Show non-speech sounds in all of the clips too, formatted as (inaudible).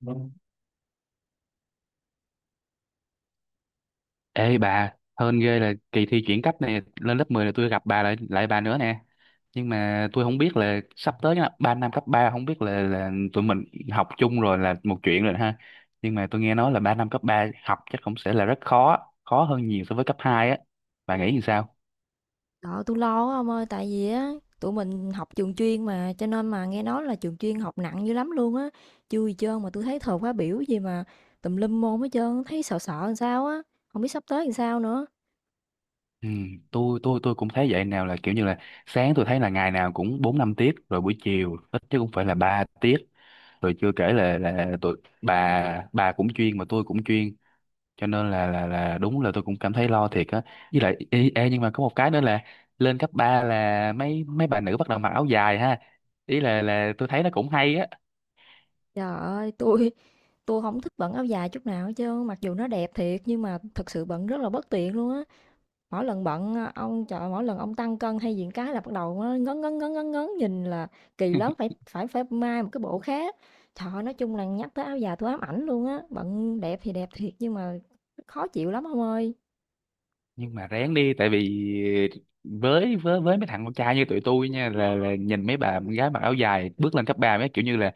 Vâng. Ê bà, hên ghê là kỳ thi chuyển cấp này lên lớp 10 là tôi gặp bà lại lại bà nữa nè. Nhưng mà tôi không biết là sắp tới nha, 3 năm cấp 3 không biết là tụi mình học chung rồi là một chuyện rồi ha. Nhưng mà tôi nghe nói là 3 năm cấp 3 học chắc cũng sẽ là rất khó, khó hơn nhiều so với cấp 2 á. Bà nghĩ như sao? Đó, tôi lo quá ông ơi, tại vì á tụi mình học trường chuyên mà cho nên mà nghe nói là trường chuyên học nặng dữ lắm luôn á. Chưa gì trơn mà tôi thấy thời khóa biểu gì mà tùm lum môn hết trơn, thấy sợ sợ làm sao á, không biết sắp tới làm sao nữa. Ừ, tôi cũng thấy vậy, nào là kiểu như là sáng tôi thấy là ngày nào cũng 4 5 tiết, rồi buổi chiều ít chứ cũng phải là 3 tiết, rồi chưa kể là tụi bà cũng chuyên mà tôi cũng chuyên, cho nên là đúng là tôi cũng cảm thấy lo thiệt á. Với lại ê, ê, nhưng mà có một cái nữa là lên cấp 3 là mấy mấy bà nữ bắt đầu mặc áo dài ha, ý là tôi thấy nó cũng hay á. Trời ơi, tôi không thích bận áo dài chút nào hết trơn, mặc dù nó đẹp thiệt nhưng mà thật sự bận rất là bất tiện luôn á. Mỗi lần bận, ông trời mỗi lần ông tăng cân hay diện cái là bắt đầu á ngấn, ngấn, ngấn, ngấn, ngấn, nhìn là kỳ lắm, phải phải phải mai một cái bộ khác. Trời ơi, nói chung là nhắc tới áo dài tôi ám ảnh luôn á, bận đẹp thì đẹp thiệt nhưng mà khó chịu lắm ông ơi. Nhưng mà ráng đi, tại vì với mấy thằng con trai như tụi tôi nha, là nhìn mấy bà gái mặc áo dài bước lên cấp 3 mấy kiểu như là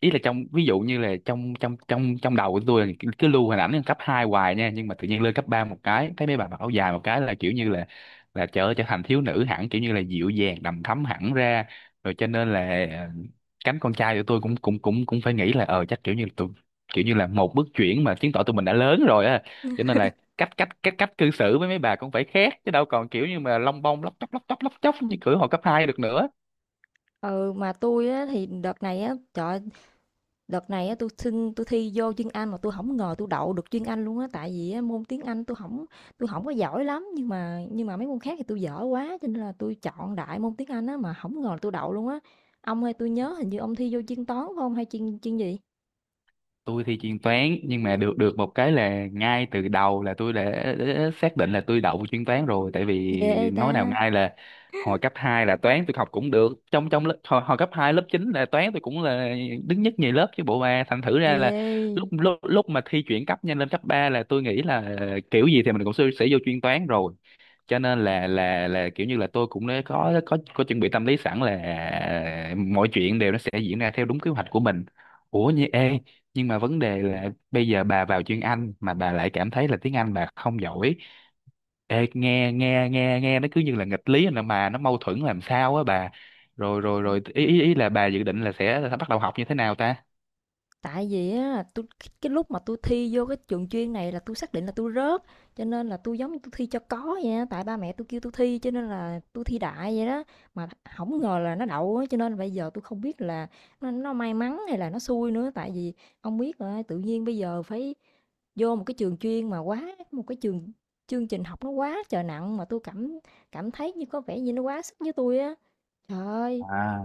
ý là trong, ví dụ như là trong trong trong trong đầu của tôi là cứ cứ lưu hình ảnh cấp 2 hoài nha, nhưng mà tự nhiên lên cấp 3 một cái thấy mấy bà mặc áo dài một cái là kiểu như là trở trở thành thiếu nữ hẳn, kiểu như là dịu dàng đầm thắm hẳn ra rồi. Cho nên là cánh con trai của tôi cũng cũng cũng cũng phải nghĩ là chắc kiểu như là tụi, kiểu như là một bước chuyển mà chứng tỏ tụi mình đã lớn rồi á, cho nên là cách cách cách cách cư xử với mấy bà cũng phải khác, chứ đâu còn kiểu như mà lông bông lóc chóc như kiểu hồi cấp 2 được nữa. Ừ, mà tôi á thì đợt này á, trời. Đợt này á, tui xin tui thi vô chuyên Anh mà tôi không ngờ tôi đậu được chuyên Anh luôn á, tại vì á, môn tiếng Anh tôi không có giỏi lắm, nhưng mà mấy môn khác thì tôi dở quá cho nên là tôi chọn đại môn tiếng Anh á mà không ngờ là tui đậu luôn á. Ông ơi, tôi nhớ hình như ông thi vô chuyên toán phải không hay chuyên chuyên gì? Tôi thì chuyên toán, nhưng mà được được một cái là ngay từ đầu là đã xác định là tôi đậu chuyên toán rồi. Tại vì Ghê ta, nói nào ngay là hồi cấp 2 là toán tôi học cũng được, trong trong lớp hồi cấp 2 lớp 9 là toán tôi cũng là đứng nhất nhì lớp chứ bộ ba, thành thử ra là lúc ghê. lúc lúc mà thi chuyển cấp nhanh lên cấp 3 là tôi nghĩ là kiểu gì thì mình sẽ vô chuyên toán rồi, cho nên là kiểu như là tôi cũng đã có chuẩn bị tâm lý sẵn là mọi chuyện đều nó sẽ diễn ra theo đúng kế hoạch của mình. Ủa như ê, nhưng mà vấn đề là bây giờ bà vào chuyên Anh mà bà lại cảm thấy là tiếng Anh bà không giỏi. Ê, nghe nghe nghe nghe nó cứ như là nghịch lý, là mà nó mâu thuẫn làm sao á bà. Rồi rồi rồi ý ý ý là bà dự định là sẽ bắt đầu học như thế nào ta? Tại vì á, tôi cái lúc mà tôi thi vô cái trường chuyên này là tôi xác định là tôi rớt, cho nên là tôi giống như tôi thi cho có vậy á, tại ba mẹ tôi kêu tôi thi cho nên là tôi thi đại vậy đó, mà không ngờ là nó đậu á, cho nên bây giờ tôi không biết là nó may mắn hay là nó xui nữa, tại vì ông biết rồi, tự nhiên bây giờ phải vô một cái trường chuyên mà quá một cái trường, chương trình học nó quá trời nặng mà tôi cảm cảm thấy như có vẻ như nó quá sức với tôi á. Trời ơi. À,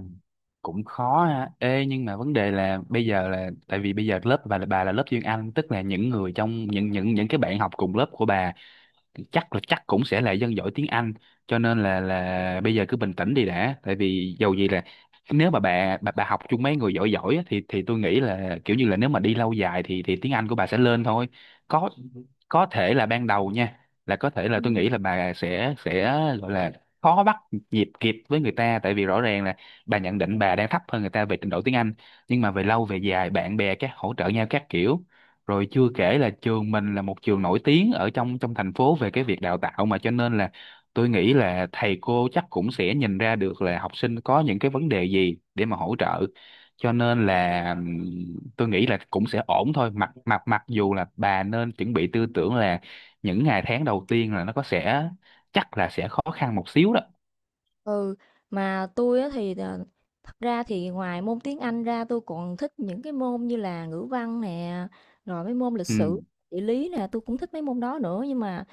cũng khó ha. Ê, nhưng mà vấn đề là bây giờ là tại vì bây giờ lớp bà là lớp chuyên Anh, tức là những người trong những cái bạn học cùng lớp của bà chắc là chắc cũng sẽ là dân giỏi tiếng Anh, cho nên là bây giờ cứ bình tĩnh đi đã, tại vì dầu gì là nếu mà bà học chung mấy người giỏi giỏi á, thì tôi nghĩ là kiểu như là nếu mà đi lâu dài thì tiếng Anh của bà sẽ lên thôi. có có thể là ban đầu nha, là có thể là tôi Ừ. nghĩ là bà sẽ gọi là khó bắt nhịp kịp với người ta, tại vì rõ ràng là bà nhận định bà đang thấp hơn người ta về trình độ tiếng Anh. Nhưng mà về lâu về dài bạn bè các hỗ trợ nhau các kiểu, rồi chưa kể là trường mình là một trường nổi tiếng ở trong trong thành phố về cái việc đào tạo mà, cho nên là tôi nghĩ là thầy cô chắc cũng sẽ nhìn ra được là học sinh có những cái vấn đề gì để mà hỗ trợ. Cho nên là tôi nghĩ là cũng sẽ ổn thôi, mặc mặc mặc dù là bà nên chuẩn bị tư tưởng là những ngày tháng đầu tiên là nó có sẽ chắc là sẽ khó khăn một xíu đó. Ừ, mà tôi á thì thật ra thì ngoài môn tiếng Anh ra tôi còn thích những cái môn như là ngữ văn nè, rồi mấy môn lịch sử, Ừ, địa lý nè, tôi cũng thích mấy môn đó nữa nhưng mà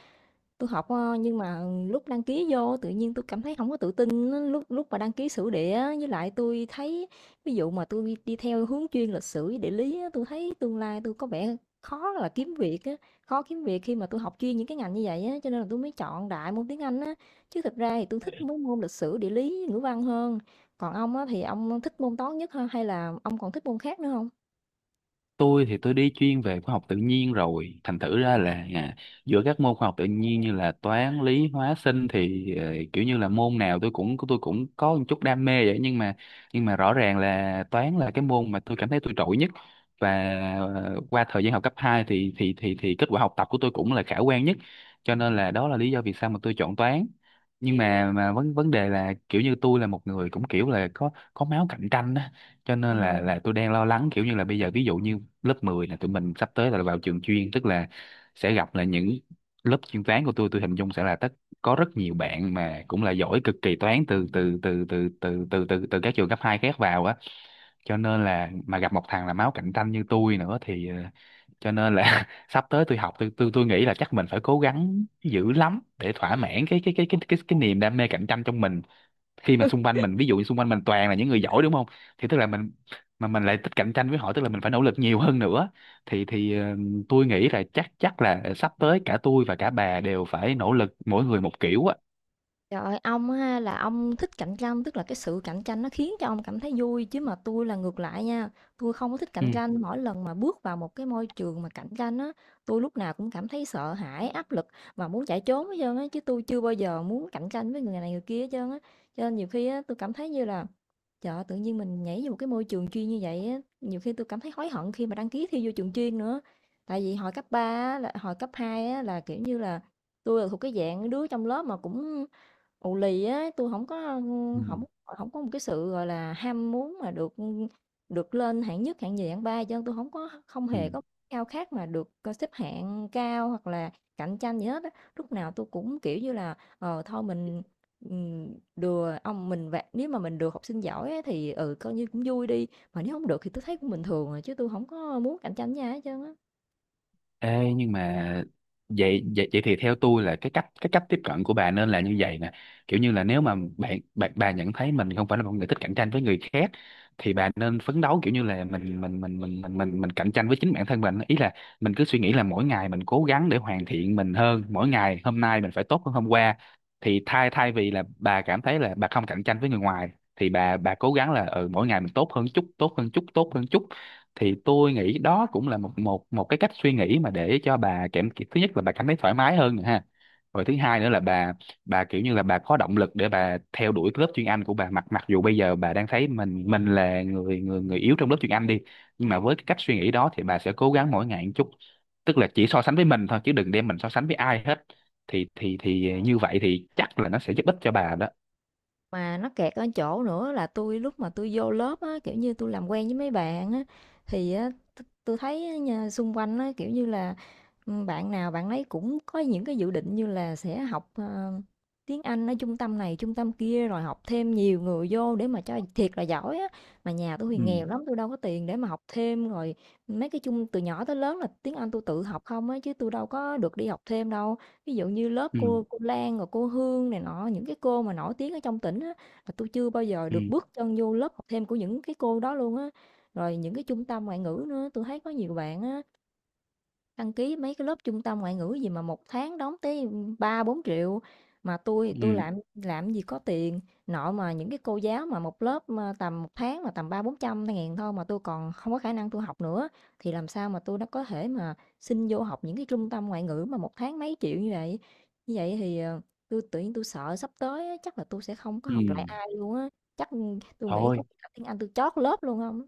tôi học nhưng mà lúc đăng ký vô tự nhiên tôi cảm thấy không có tự tin á, lúc lúc mà đăng ký sử địa á, với lại tôi thấy ví dụ mà tôi đi theo hướng chuyên lịch sử với địa lý á, tôi thấy tương lai tôi có vẻ khó là kiếm việc á, khó kiếm việc khi mà tôi học chuyên những cái ngành như vậy á, cho nên là tôi mới chọn đại môn tiếng Anh á. Chứ thực ra thì tôi thích mấy môn lịch sử, địa lý, ngữ văn hơn. Còn ông á, thì ông thích môn toán nhất ha, hay là ông còn thích môn khác nữa không? tôi thì tôi đi chuyên về khoa học tự nhiên rồi, thành thử ra là giữa các môn khoa học tự nhiên như là toán lý hóa sinh thì kiểu như là môn nào tôi cũng có một chút đam mê vậy, nhưng mà rõ ràng là toán là cái môn mà tôi cảm thấy tôi trội nhất. Và qua thời gian học cấp 2 thì kết quả học tập của tôi cũng là khả quan nhất, cho nên là đó là lý do vì sao mà tôi chọn toán. Nhưng mà vấn vấn đề là kiểu như tôi là một người cũng kiểu là có máu cạnh tranh á, cho Ờ. nên là tôi đang lo lắng kiểu như là bây giờ ví dụ như lớp 10 là tụi mình sắp tới là vào trường chuyên, tức là sẽ gặp là những lớp chuyên toán của tôi hình dung sẽ là tất có rất nhiều bạn mà cũng là giỏi cực kỳ toán từ từ từ từ từ từ từ từ các trường cấp 2 khác vào á, cho nên là mà gặp một thằng là máu cạnh tranh như tôi nữa thì cho nên là (laughs) sắp tới tôi học, tôi nghĩ là chắc mình phải cố gắng dữ lắm để thỏa mãn cái niềm đam mê cạnh tranh trong mình khi mà xung quanh mình, ví dụ như xung quanh mình toàn là những người giỏi đúng không, thì tức là mình, mà mình lại thích cạnh tranh với họ tức là mình phải nỗ lực nhiều hơn nữa. Thì tôi nghĩ là chắc chắc là sắp tới cả tôi và cả bà đều phải nỗ lực mỗi người một kiểu á. Trời ơi, ông á ha là ông thích cạnh tranh, tức là cái sự cạnh tranh nó khiến cho ông cảm thấy vui chứ mà tôi là ngược lại nha. Tôi không có thích Ừ. cạnh tranh, mỗi lần mà bước vào một cái môi trường mà cạnh tranh á, tôi lúc nào cũng cảm thấy sợ hãi, áp lực và muốn chạy trốn hết trơn á chứ tôi chưa bao giờ muốn cạnh tranh với người này người kia hết trơn á. Cho nên nhiều khi á tôi cảm thấy như là trời ơi, tự nhiên mình nhảy vô một cái môi trường chuyên như vậy á, nhiều khi tôi cảm thấy hối hận khi mà đăng ký thi vô trường chuyên nữa. Tại vì hồi cấp 3 á, là hồi cấp 2 á là kiểu như là tôi là thuộc cái dạng đứa trong lớp mà cũng ù lì á, tôi không có, Ừ. không không có một cái sự, gọi là, ham muốn mà được lên hạng nhất, hạng nhì, hạng ba cho nên tôi không Ừ. hề có khao khát mà được, xếp hạng cao hoặc là cạnh tranh gì hết á. Lúc nào tôi cũng, kiểu như là, thôi mình, ừm, đừa ông mình vẽ, nếu mà mình được học sinh giỏi á thì, coi như cũng vui đi, mà nếu không được thì tôi thấy cũng bình thường à, chứ tôi không có muốn cạnh tranh với ai hết trơn á. Ê, nhưng mà vậy, vậy thì theo tôi là cái cách tiếp cận của bà nên là như vậy nè, kiểu như là nếu mà bạn bạn bà nhận thấy mình không phải là một người thích cạnh tranh với người khác, thì bà nên phấn đấu kiểu như là mình cạnh tranh với chính bản thân mình. Ý là mình cứ suy nghĩ là mỗi ngày mình cố gắng để hoàn thiện mình hơn, mỗi ngày hôm nay mình phải tốt hơn hôm qua. Thì thay thay vì là bà cảm thấy là bà không cạnh tranh với người ngoài, thì bà cố gắng là ừ mỗi ngày mình tốt hơn chút, tốt hơn chút, tốt hơn chút, thì tôi nghĩ đó cũng là một một một cái cách suy nghĩ mà để cho bà cảm, thứ nhất là bà cảm thấy thoải mái hơn nè ha, rồi thứ hai nữa là bà kiểu như là bà có động lực để bà theo đuổi cái lớp chuyên Anh của bà, mặc mặc dù bây giờ bà đang thấy mình, là người người người yếu trong lớp chuyên Anh đi, nhưng mà với cái cách suy nghĩ đó thì bà sẽ cố gắng mỗi ngày một chút, tức là chỉ so sánh với mình thôi, chứ đừng đem mình so sánh với ai hết, thì như vậy thì chắc là nó sẽ giúp ích cho bà đó. Mà nó kẹt ở chỗ nữa là tôi lúc mà tôi vô lớp á, kiểu như tôi làm quen với mấy bạn á, thì á, tôi thấy á nha, xung quanh á, kiểu như là ừ, bạn nào bạn ấy cũng có những cái dự định như là sẽ học tiếng Anh ở trung tâm này, trung tâm kia rồi học thêm nhiều người vô để mà cho thiệt là giỏi á. Mà nhà tôi thì Ừ. nghèo lắm, tôi đâu có tiền để mà học thêm rồi mấy cái chung từ nhỏ tới lớn là tiếng Anh tôi tự học không á chứ tôi đâu có được đi học thêm đâu. Ví dụ như lớp ừ cô Lan rồi cô Hương này nọ, những cái cô mà nổi tiếng ở trong tỉnh á, là tôi chưa bao giờ ừ được bước chân vô lớp học thêm của những cái cô đó luôn á. Rồi những cái trung tâm ngoại ngữ nữa, tôi thấy có nhiều bạn á, đăng ký mấy cái lớp trung tâm ngoại ngữ gì mà một tháng đóng tới 3-4 triệu mà tôi ừ làm gì có tiền, nội mà những cái cô giáo mà một lớp, tầm một tháng mà tầm 3-400 ngàn thôi mà tôi còn không có khả năng tôi học nữa, thì làm sao mà tôi nó có thể mà xin vô học những cái trung tâm ngoại ngữ mà một tháng mấy triệu như vậy. Như vậy thì, tui tự nhiên tui sợ sắp tới á, chắc là tôi sẽ không có ừ học lại ai luôn á, chắc, tui nghĩ có Thôi. khi học tiếng Anh tui trót lớp luôn không.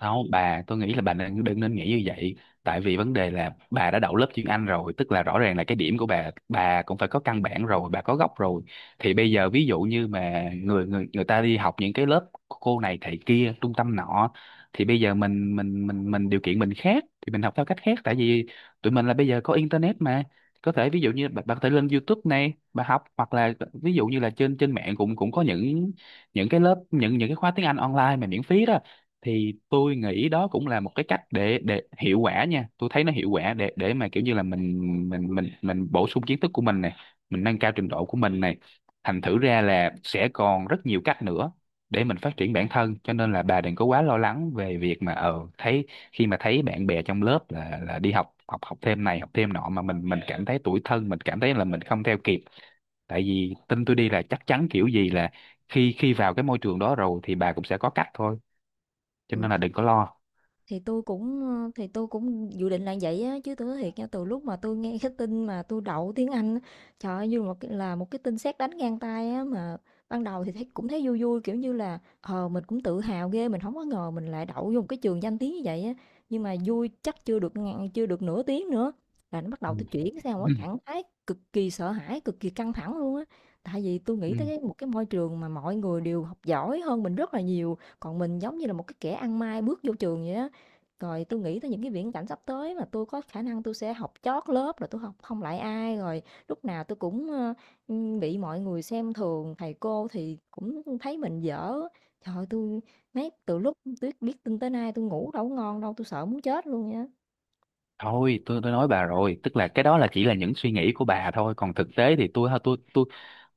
Không, bà, tôi nghĩ là bà đừng nên nghĩ như vậy. Tại vì vấn đề là bà đã đậu lớp chuyên Anh rồi, tức là rõ ràng là cái điểm của bà cũng phải có căn bản rồi, bà có gốc rồi. Thì bây giờ ví dụ như mà người người người ta đi học những cái lớp cô này thầy kia, trung tâm nọ, thì bây giờ mình điều kiện mình khác, thì mình học theo cách khác. Tại vì tụi mình là bây giờ có internet mà, có thể ví dụ như bà có thể lên YouTube này, bà học, hoặc là ví dụ như là trên trên mạng cũng cũng có những cái lớp, những cái khóa tiếng Anh online mà miễn phí đó, thì tôi nghĩ đó cũng là một cái cách để hiệu quả nha, tôi thấy nó hiệu quả để mà kiểu như là mình bổ sung kiến thức của mình này, mình nâng cao trình độ của mình này, thành thử ra là sẽ còn rất nhiều cách nữa để mình phát triển bản thân, cho nên là bà đừng có quá lo lắng về việc mà thấy khi mà thấy bạn bè trong lớp là đi học, học thêm này học thêm nọ, mà mình cảm thấy tủi thân, mình cảm thấy là mình không theo kịp. Tại vì tin tôi đi là chắc chắn kiểu gì là khi khi vào cái môi trường đó rồi thì bà cũng sẽ có cách thôi, cho Ừ. nên là đừng có lo. Thì tôi cũng dự định là vậy á, chứ tôi nói thiệt nha, từ lúc mà tôi nghe (laughs) cái tin mà tôi đậu tiếng Anh á, trời ơi, như một cái là một cái tin sét đánh ngang tai á, mà ban đầu thì thấy cũng thấy vui vui, kiểu như là, mình cũng tự hào ghê, mình không có ngờ mình lại đậu vô một cái trường danh tiếng như vậy á, nhưng mà vui chắc chưa được ngàn chưa được nửa tiếng nữa là nó bắt Ừ. đầu tôi chuyển sang một Ừ. cái trạng thái cực kỳ sợ hãi, cực kỳ căng thẳng luôn á. Tại vì tôi nghĩ tới Ừ. cái một cái môi trường mà mọi người đều học giỏi hơn mình rất là nhiều, còn mình giống như là một cái kẻ ăn may bước vô trường vậy á. Rồi tôi nghĩ tới những cái viễn cảnh sắp tới mà tôi có khả năng tôi sẽ học chót lớp, rồi tôi học không lại ai, rồi lúc nào tôi cũng, bị mọi người xem thường, thầy cô thì cũng thấy mình dở. Trời ơi, mấy từ lúc tui biết tin tới nay tôi ngủ đâu có ngon đâu, tôi sợ muốn chết luôn nha. Thôi tôi nói bà rồi, tức là cái đó là chỉ là những suy nghĩ của bà thôi, còn thực tế thì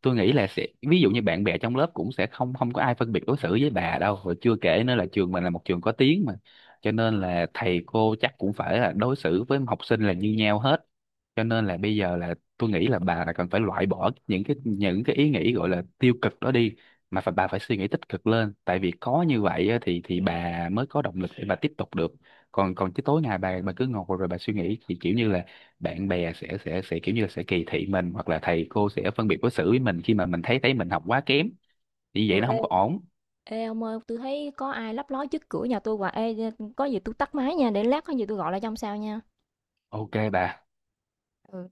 tôi nghĩ là sẽ ví dụ như bạn bè trong lớp cũng sẽ không không có ai phân biệt đối xử với bà đâu, rồi chưa kể nữa là trường mình là một trường có tiếng mà, cho nên là thầy cô chắc cũng phải là đối xử với học sinh là như nhau hết. Cho nên là bây giờ là tôi nghĩ là bà là cần phải loại bỏ những cái, ý nghĩ gọi là tiêu cực đó đi, mà phải bà phải suy nghĩ tích cực lên, tại vì có như vậy á, thì bà mới có động lực để bà tiếp tục được. Còn còn chứ tối ngày bà cứ ngồi rồi bà suy nghĩ, thì kiểu như là bạn bè sẽ kiểu như là sẽ kỳ thị mình, hoặc là thầy cô sẽ phân biệt đối xử với mình khi mà mình thấy thấy mình học quá kém, như vậy Ừ, nó ê, không có ổn. ê ông ơi, tôi thấy có ai lấp ló trước cửa nhà tôi hoài. Ê, có gì tôi tắt máy nha, để lát có gì tôi gọi lại trong sao nha. Ok bà. Ừ.